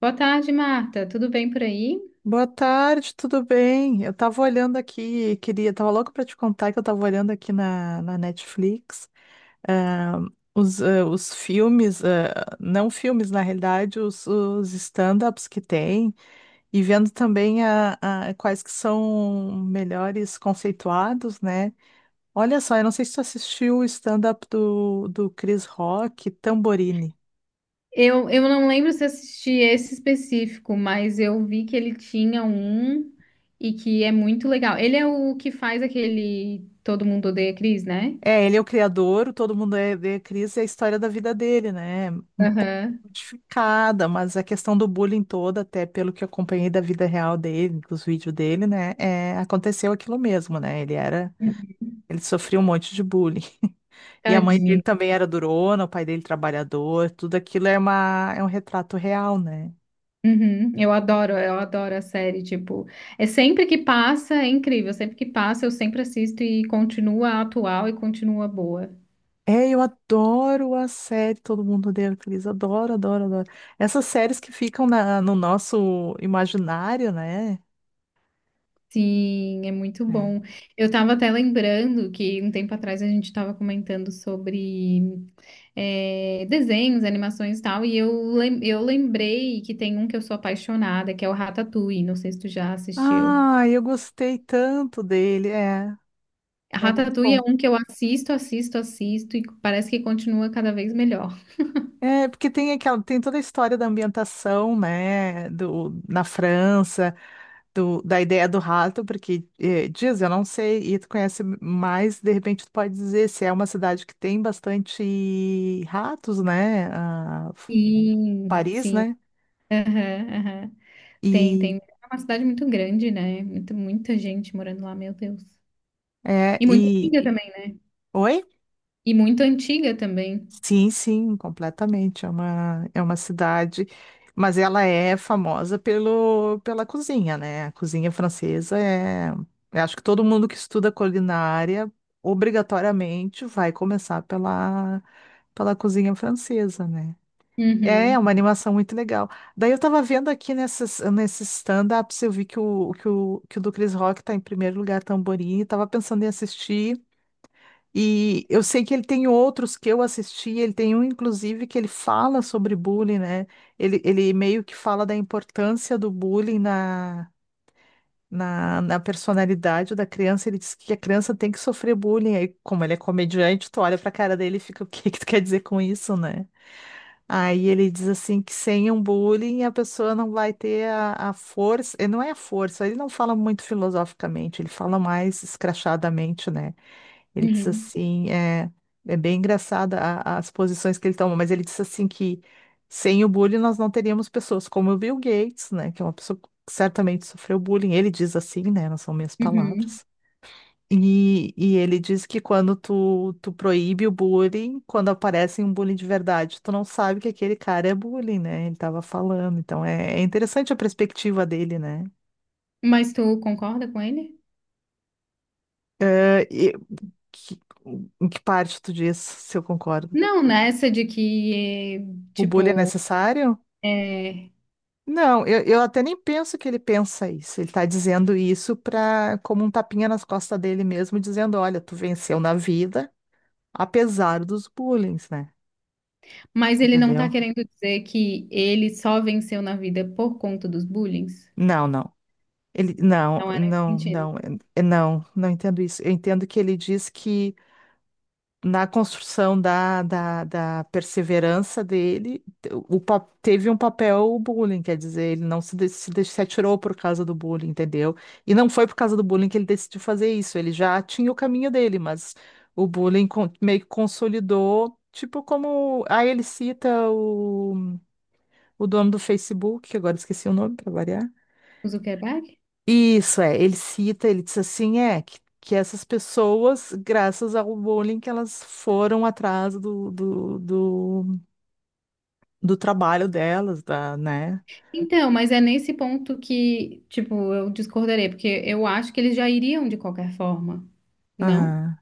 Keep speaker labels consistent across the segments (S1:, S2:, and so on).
S1: Boa tarde, Marta. Tudo bem por aí?
S2: Boa tarde, tudo bem? Eu tava olhando aqui, queria, tava louco pra te contar que eu tava olhando aqui na Netflix, ah, os filmes, não filmes, na realidade, os stand-ups que tem, e vendo também quais que são melhores conceituados, né? Olha só, eu não sei se tu assistiu o stand-up do Chris Rock, Tamborini.
S1: Eu não lembro se assisti esse específico, mas eu vi que ele tinha um e que é muito legal. Ele é o que faz aquele Todo Mundo Odeia Chris, né?
S2: É, ele é o criador, todo mundo é Cris, é a história da vida dele, né? Um pouco
S1: Aham.
S2: modificada, mas a questão do bullying toda, até pelo que eu acompanhei da vida real dele, dos vídeos dele, né? É, aconteceu aquilo mesmo, né? Ele sofria um monte de bullying. E a mãe dele
S1: Tadinho.
S2: também era durona, o pai dele trabalhador, tudo aquilo é um retrato real, né?
S1: Uhum. Eu adoro a série, tipo, é sempre que passa, é incrível, sempre que passa eu sempre assisto e continua atual e continua boa.
S2: É, eu adoro a série Todo Mundo Odeia o Chris, adoro, adoro, adoro. Essas séries que ficam no nosso imaginário, né?
S1: Sim, é muito
S2: É.
S1: bom. Eu estava até lembrando que um tempo atrás a gente estava comentando sobre desenhos, animações e tal, e eu lembrei que tem um que eu sou apaixonada, que é o Ratatouille. Não sei se tu já assistiu.
S2: Ah, eu gostei tanto dele. É. É muito
S1: Ratatouille é
S2: bom.
S1: um que eu assisto, assisto, assisto, e parece que continua cada vez melhor.
S2: É, porque tem tem toda a história da ambientação, né, na França, da ideia do rato, porque diz, eu não sei, e tu conhece mais, de repente tu pode dizer se é uma cidade que tem bastante ratos, né,
S1: Sim,
S2: Paris,
S1: sim.
S2: né,
S1: Aham, aham. Tem,
S2: e,
S1: tem. É uma cidade muito grande, né? Muita gente morando lá, meu Deus.
S2: é,
S1: E muito
S2: e,
S1: antiga também.
S2: oi?
S1: E muito antiga também.
S2: Sim, sim, completamente. É uma cidade, mas ela é famosa pela cozinha, né? A cozinha francesa é. Eu acho que todo mundo que estuda culinária obrigatoriamente vai começar pela cozinha francesa, né? É
S1: Uhum,
S2: uma animação muito legal. Daí eu tava vendo aqui nesses stand-ups, eu vi que o do Chris Rock tá em primeiro lugar, Tamborim, e tava pensando em assistir. E eu sei que ele tem outros que eu assisti, ele tem um, inclusive, que ele fala sobre bullying, né? Ele meio que fala da importância do bullying na personalidade da criança. Ele diz que a criança tem que sofrer bullying. Aí, como ele é comediante, tu olha pra cara dele e fica: o que que tu quer dizer com isso, né? Aí ele diz assim que sem um bullying a pessoa não vai ter a força, não é a força, ele não fala muito filosoficamente, ele fala mais escrachadamente, né? Ele diz
S1: uhum,
S2: assim, é bem engraçada as posições que ele toma, mas ele diz assim que sem o bullying nós não teríamos pessoas como o Bill Gates, né, que é uma pessoa que certamente sofreu bullying. Ele diz assim, né, não são minhas
S1: uhum.
S2: palavras. E ele diz que quando tu proíbe o bullying, quando aparece um bullying de verdade, tu não sabe que aquele cara é bullying, né? Ele tava falando. Então é interessante a perspectiva dele, né?
S1: Mas tu concorda com ele?
S2: Eh, e que- Em que parte tu diz se eu concordo?
S1: Não, nessa de que,
S2: O bullying é
S1: tipo,
S2: necessário?
S1: é...
S2: Não, eu até nem penso que ele pensa isso. Ele está dizendo isso para como um tapinha nas costas dele mesmo, dizendo: olha, tu venceu na vida, apesar dos bullying, né?
S1: mas ele não tá
S2: Entendeu?
S1: querendo dizer que ele só venceu na vida por conta dos bullying?
S2: Não, não. Não,
S1: Não é nesse
S2: não,
S1: sentido.
S2: não, é, não, não entendo isso. Eu entendo que ele diz que na construção da perseverança dele, teve um papel o bullying, quer dizer, ele não se atirou por causa do bullying, entendeu? E não foi por causa do bullying que ele decidiu fazer isso, ele já tinha o caminho dele, mas o bullying meio que consolidou, tipo como... Aí ele cita o dono do Facebook, que agora esqueci o nome para variar,
S1: O Zuckerberg?
S2: isso é, ele cita, ele diz assim, que essas pessoas, graças ao bullying, que elas foram atrás do trabalho delas, né?
S1: Então, mas é nesse ponto que, tipo, eu discordarei, porque eu acho que eles já iriam de qualquer forma, não?
S2: Aham.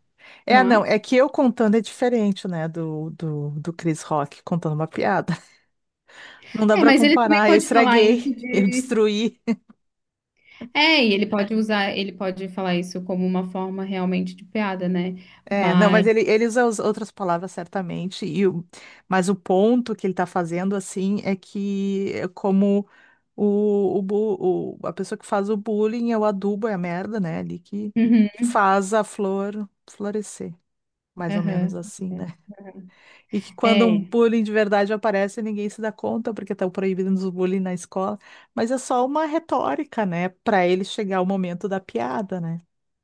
S1: Tu
S2: É,
S1: não
S2: não,
S1: acha?
S2: é que eu contando é diferente, né, do Chris Rock contando uma piada. Não dá
S1: É,
S2: pra
S1: mas ele também
S2: comparar, eu
S1: pode falar
S2: estraguei,
S1: isso
S2: eu
S1: de.
S2: destruí.
S1: É, e ele pode usar, ele pode falar isso como uma forma realmente de piada, né?
S2: É, não, mas
S1: Mas.
S2: ele usa as outras palavras certamente, mas o ponto que ele tá fazendo, assim, é que é como a pessoa que faz o bullying é o adubo, é a merda, né? Ali que faz a flor florescer. Mais
S1: Uhum,
S2: ou menos
S1: aham.
S2: assim, né? E que quando um
S1: É. É.
S2: bullying de verdade aparece, ninguém se dá conta, porque estão proibindo o bullying na escola. Mas é só uma retórica, né? Para ele chegar ao momento da piada, né?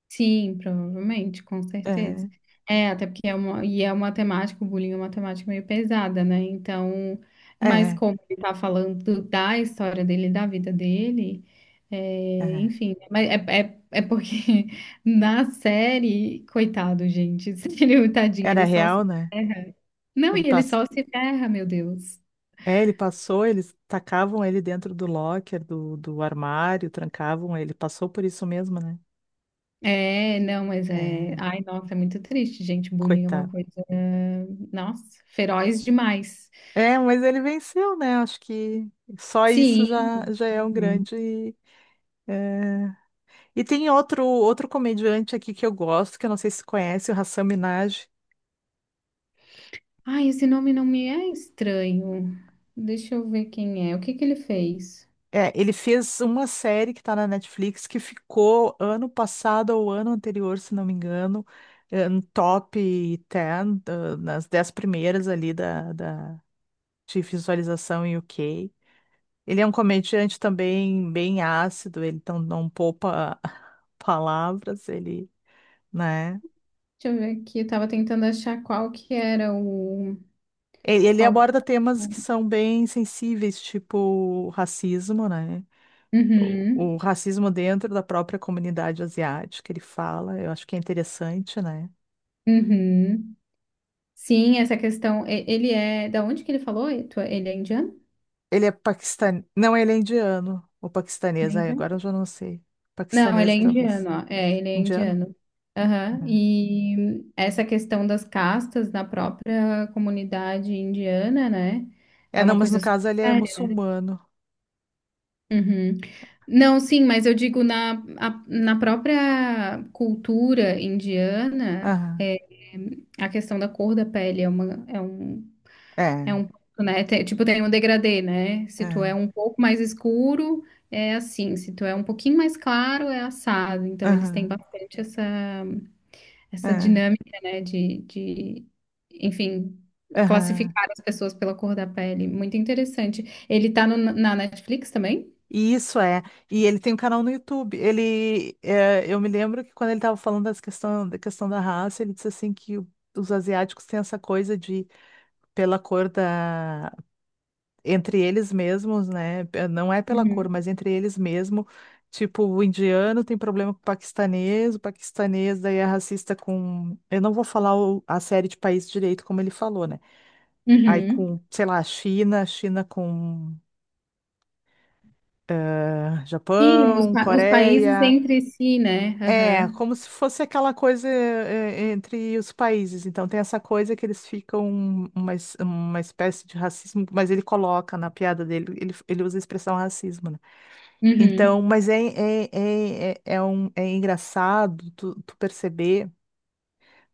S1: Sim, provavelmente, com
S2: É,
S1: certeza. É, até porque é uma, e é uma temática, o bullying é uma temática meio pesada, né? Então, mas
S2: é,
S1: como ele tá falando da história dele, da vida dele, é,
S2: é.
S1: enfim, né? Mas é, é, é porque na série, coitado, gente, ele, tadinho,
S2: Era
S1: ele só
S2: real,
S1: se
S2: né?
S1: ferra. Não,
S2: Ele
S1: e ele
S2: passou.
S1: só se ferra, meu Deus.
S2: É, ele passou, eles tacavam ele dentro do locker, do armário, trancavam ele. Passou por isso mesmo, né?
S1: É, não, mas é.
S2: É,
S1: Ai, nossa, é muito triste, gente. Bullying é uma
S2: coitado.
S1: coisa, nossa, feroz demais.
S2: É, mas ele venceu, né? Acho que só isso
S1: Sim.
S2: já é um
S1: Uhum.
S2: grande. É. E tem outro comediante aqui que eu gosto, que eu não sei se conhece, o Hasan Minhaj.
S1: Ai, esse nome não me é estranho. Deixa eu ver quem é. O que que ele fez?
S2: É, ele fez uma série que está na Netflix que ficou ano passado ou ano anterior, se não me engano, no top 10 nas 10 primeiras ali de visualização em UK. Ele é um comediante também bem ácido, ele então não poupa palavras, ele né?
S1: Deixa eu ver aqui. Eu tava tentando achar qual que era o.
S2: Ele
S1: Qual...
S2: aborda temas que são bem sensíveis, tipo racismo, né?
S1: Uhum,
S2: O racismo dentro da própria comunidade asiática, ele fala, eu acho que é interessante, né?
S1: uhum. Sim, essa questão. Ele é. Da onde que ele falou? Ele é indiano?
S2: Ele é paquistanês, não, ele é indiano, ou
S1: Ele
S2: paquistanês,
S1: é
S2: ai,
S1: indiano?
S2: agora eu já não sei.
S1: Não, ele é
S2: Paquistanês, talvez.
S1: indiano, ó. É, ele é
S2: Indiano?
S1: indiano.
S2: É,
S1: Aham. E essa questão das castas na própria comunidade indiana, né?
S2: é,
S1: É
S2: não,
S1: uma
S2: mas no
S1: coisa super
S2: caso ele é
S1: séria, né?
S2: muçulmano.
S1: Uhum. Não, sim, mas eu digo na própria cultura indiana,
S2: Aham,
S1: a questão da cor da pele é uma, é um, é
S2: é,
S1: um, ponto, né? Tipo, tem um degradê, né? Se tu é
S2: é,
S1: um pouco mais escuro, é assim. Se tu é um pouquinho mais claro, é assado. Então, eles têm
S2: aham,
S1: bastante essa, essa
S2: é,
S1: dinâmica, né? Enfim,
S2: aham.
S1: classificar as pessoas pela cor da pele. Muito interessante. Ele tá na Netflix também?
S2: E isso é. E ele tem um canal no YouTube. Eu me lembro que quando ele estava falando da questão da raça, ele disse assim que os asiáticos têm essa coisa de, pela cor da, entre eles mesmos, né? Não é pela cor, mas entre eles mesmo. Tipo, o indiano tem problema com o paquistanês daí é racista com. Eu não vou falar a série de países direito como ele falou, né? Aí
S1: Uhum.
S2: com, sei lá, China, China com,
S1: Sim,
S2: Japão,
S1: os países
S2: Coreia.
S1: entre si, né?
S2: É,
S1: Aham.
S2: como se fosse aquela coisa, entre os países. Então, tem essa coisa que eles ficam uma espécie de racismo, mas ele coloca na piada dele, ele usa a expressão racismo, né? Então,
S1: Uhum.
S2: mas é engraçado tu perceber,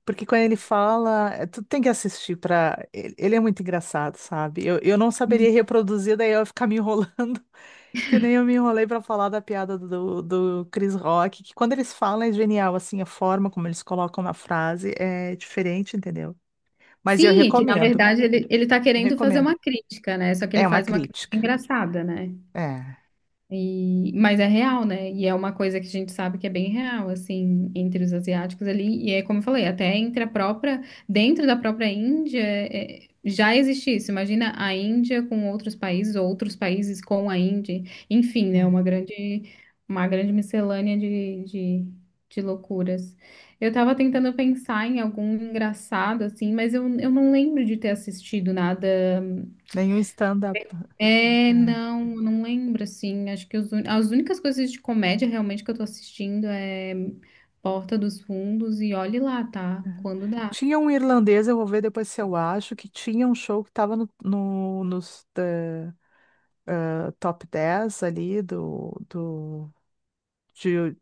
S2: porque quando ele fala, tu tem que assistir pra. Ele é muito engraçado, sabe? Eu não saberia reproduzir, daí eu ia ficar me enrolando. Que nem eu me enrolei pra falar da piada do Chris Rock, que quando eles falam é genial, assim, a forma como eles colocam na frase é diferente, entendeu? Mas eu
S1: Sim, e que na
S2: recomendo,
S1: verdade ele tá
S2: eu
S1: querendo fazer
S2: recomendo.
S1: uma crítica, né? Só que ele
S2: É uma
S1: faz uma crítica
S2: crítica.
S1: engraçada, né?
S2: É,
S1: E, mas é real, né? E é uma coisa que a gente sabe que é bem real, assim, entre os asiáticos ali. E é como eu falei, até entre a própria, dentro da própria Índia, já existe isso. Imagina a Índia com outros países, ou outros países com a Índia. Enfim, né? Uma
S2: é.
S1: grande, uma grande miscelânea de loucuras. Eu tava tentando pensar em algum engraçado, assim, mas eu não lembro de ter assistido nada.
S2: Nenhum stand-up.
S1: É,
S2: É,
S1: não, não lembro, assim. Acho que as únicas coisas de comédia realmente que eu tô assistindo é Porta dos Fundos e Olhe Lá, tá?
S2: é.
S1: Quando dá.
S2: Tinha um irlandês, eu vou ver depois se eu acho, que tinha um show que estava nos top 10 ali de,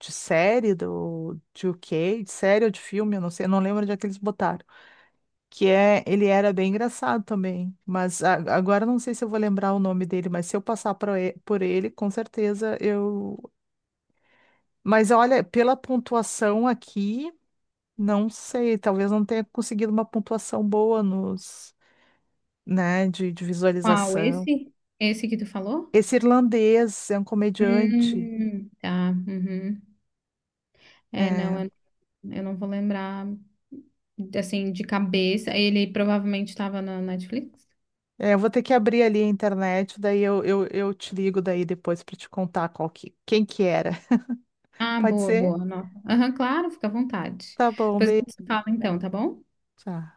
S2: de série, de UK, de série ou de filme, eu não sei, eu não lembro onde é que eles botaram. Ele era bem engraçado também, mas agora não sei se eu vou lembrar o nome dele, mas se eu passar por ele, com certeza eu. Mas olha, pela pontuação aqui, não sei, talvez não tenha conseguido uma pontuação boa nos, né, de
S1: Qual?
S2: visualização.
S1: Esse? Esse que tu falou?
S2: Esse irlandês é um comediante.
S1: Tá. Uhum. É,
S2: É,
S1: não, eu não vou lembrar, assim, de cabeça. Ele provavelmente estava na Netflix.
S2: é, eu vou ter que abrir ali a internet, daí eu te ligo daí depois para te contar quem que era.
S1: Ah,
S2: Pode
S1: boa,
S2: ser?
S1: boa. Nossa. Aham, claro, fica à vontade.
S2: Tá bom,
S1: Depois a
S2: beijo.
S1: gente se fala então, tá bom?
S2: Tchau.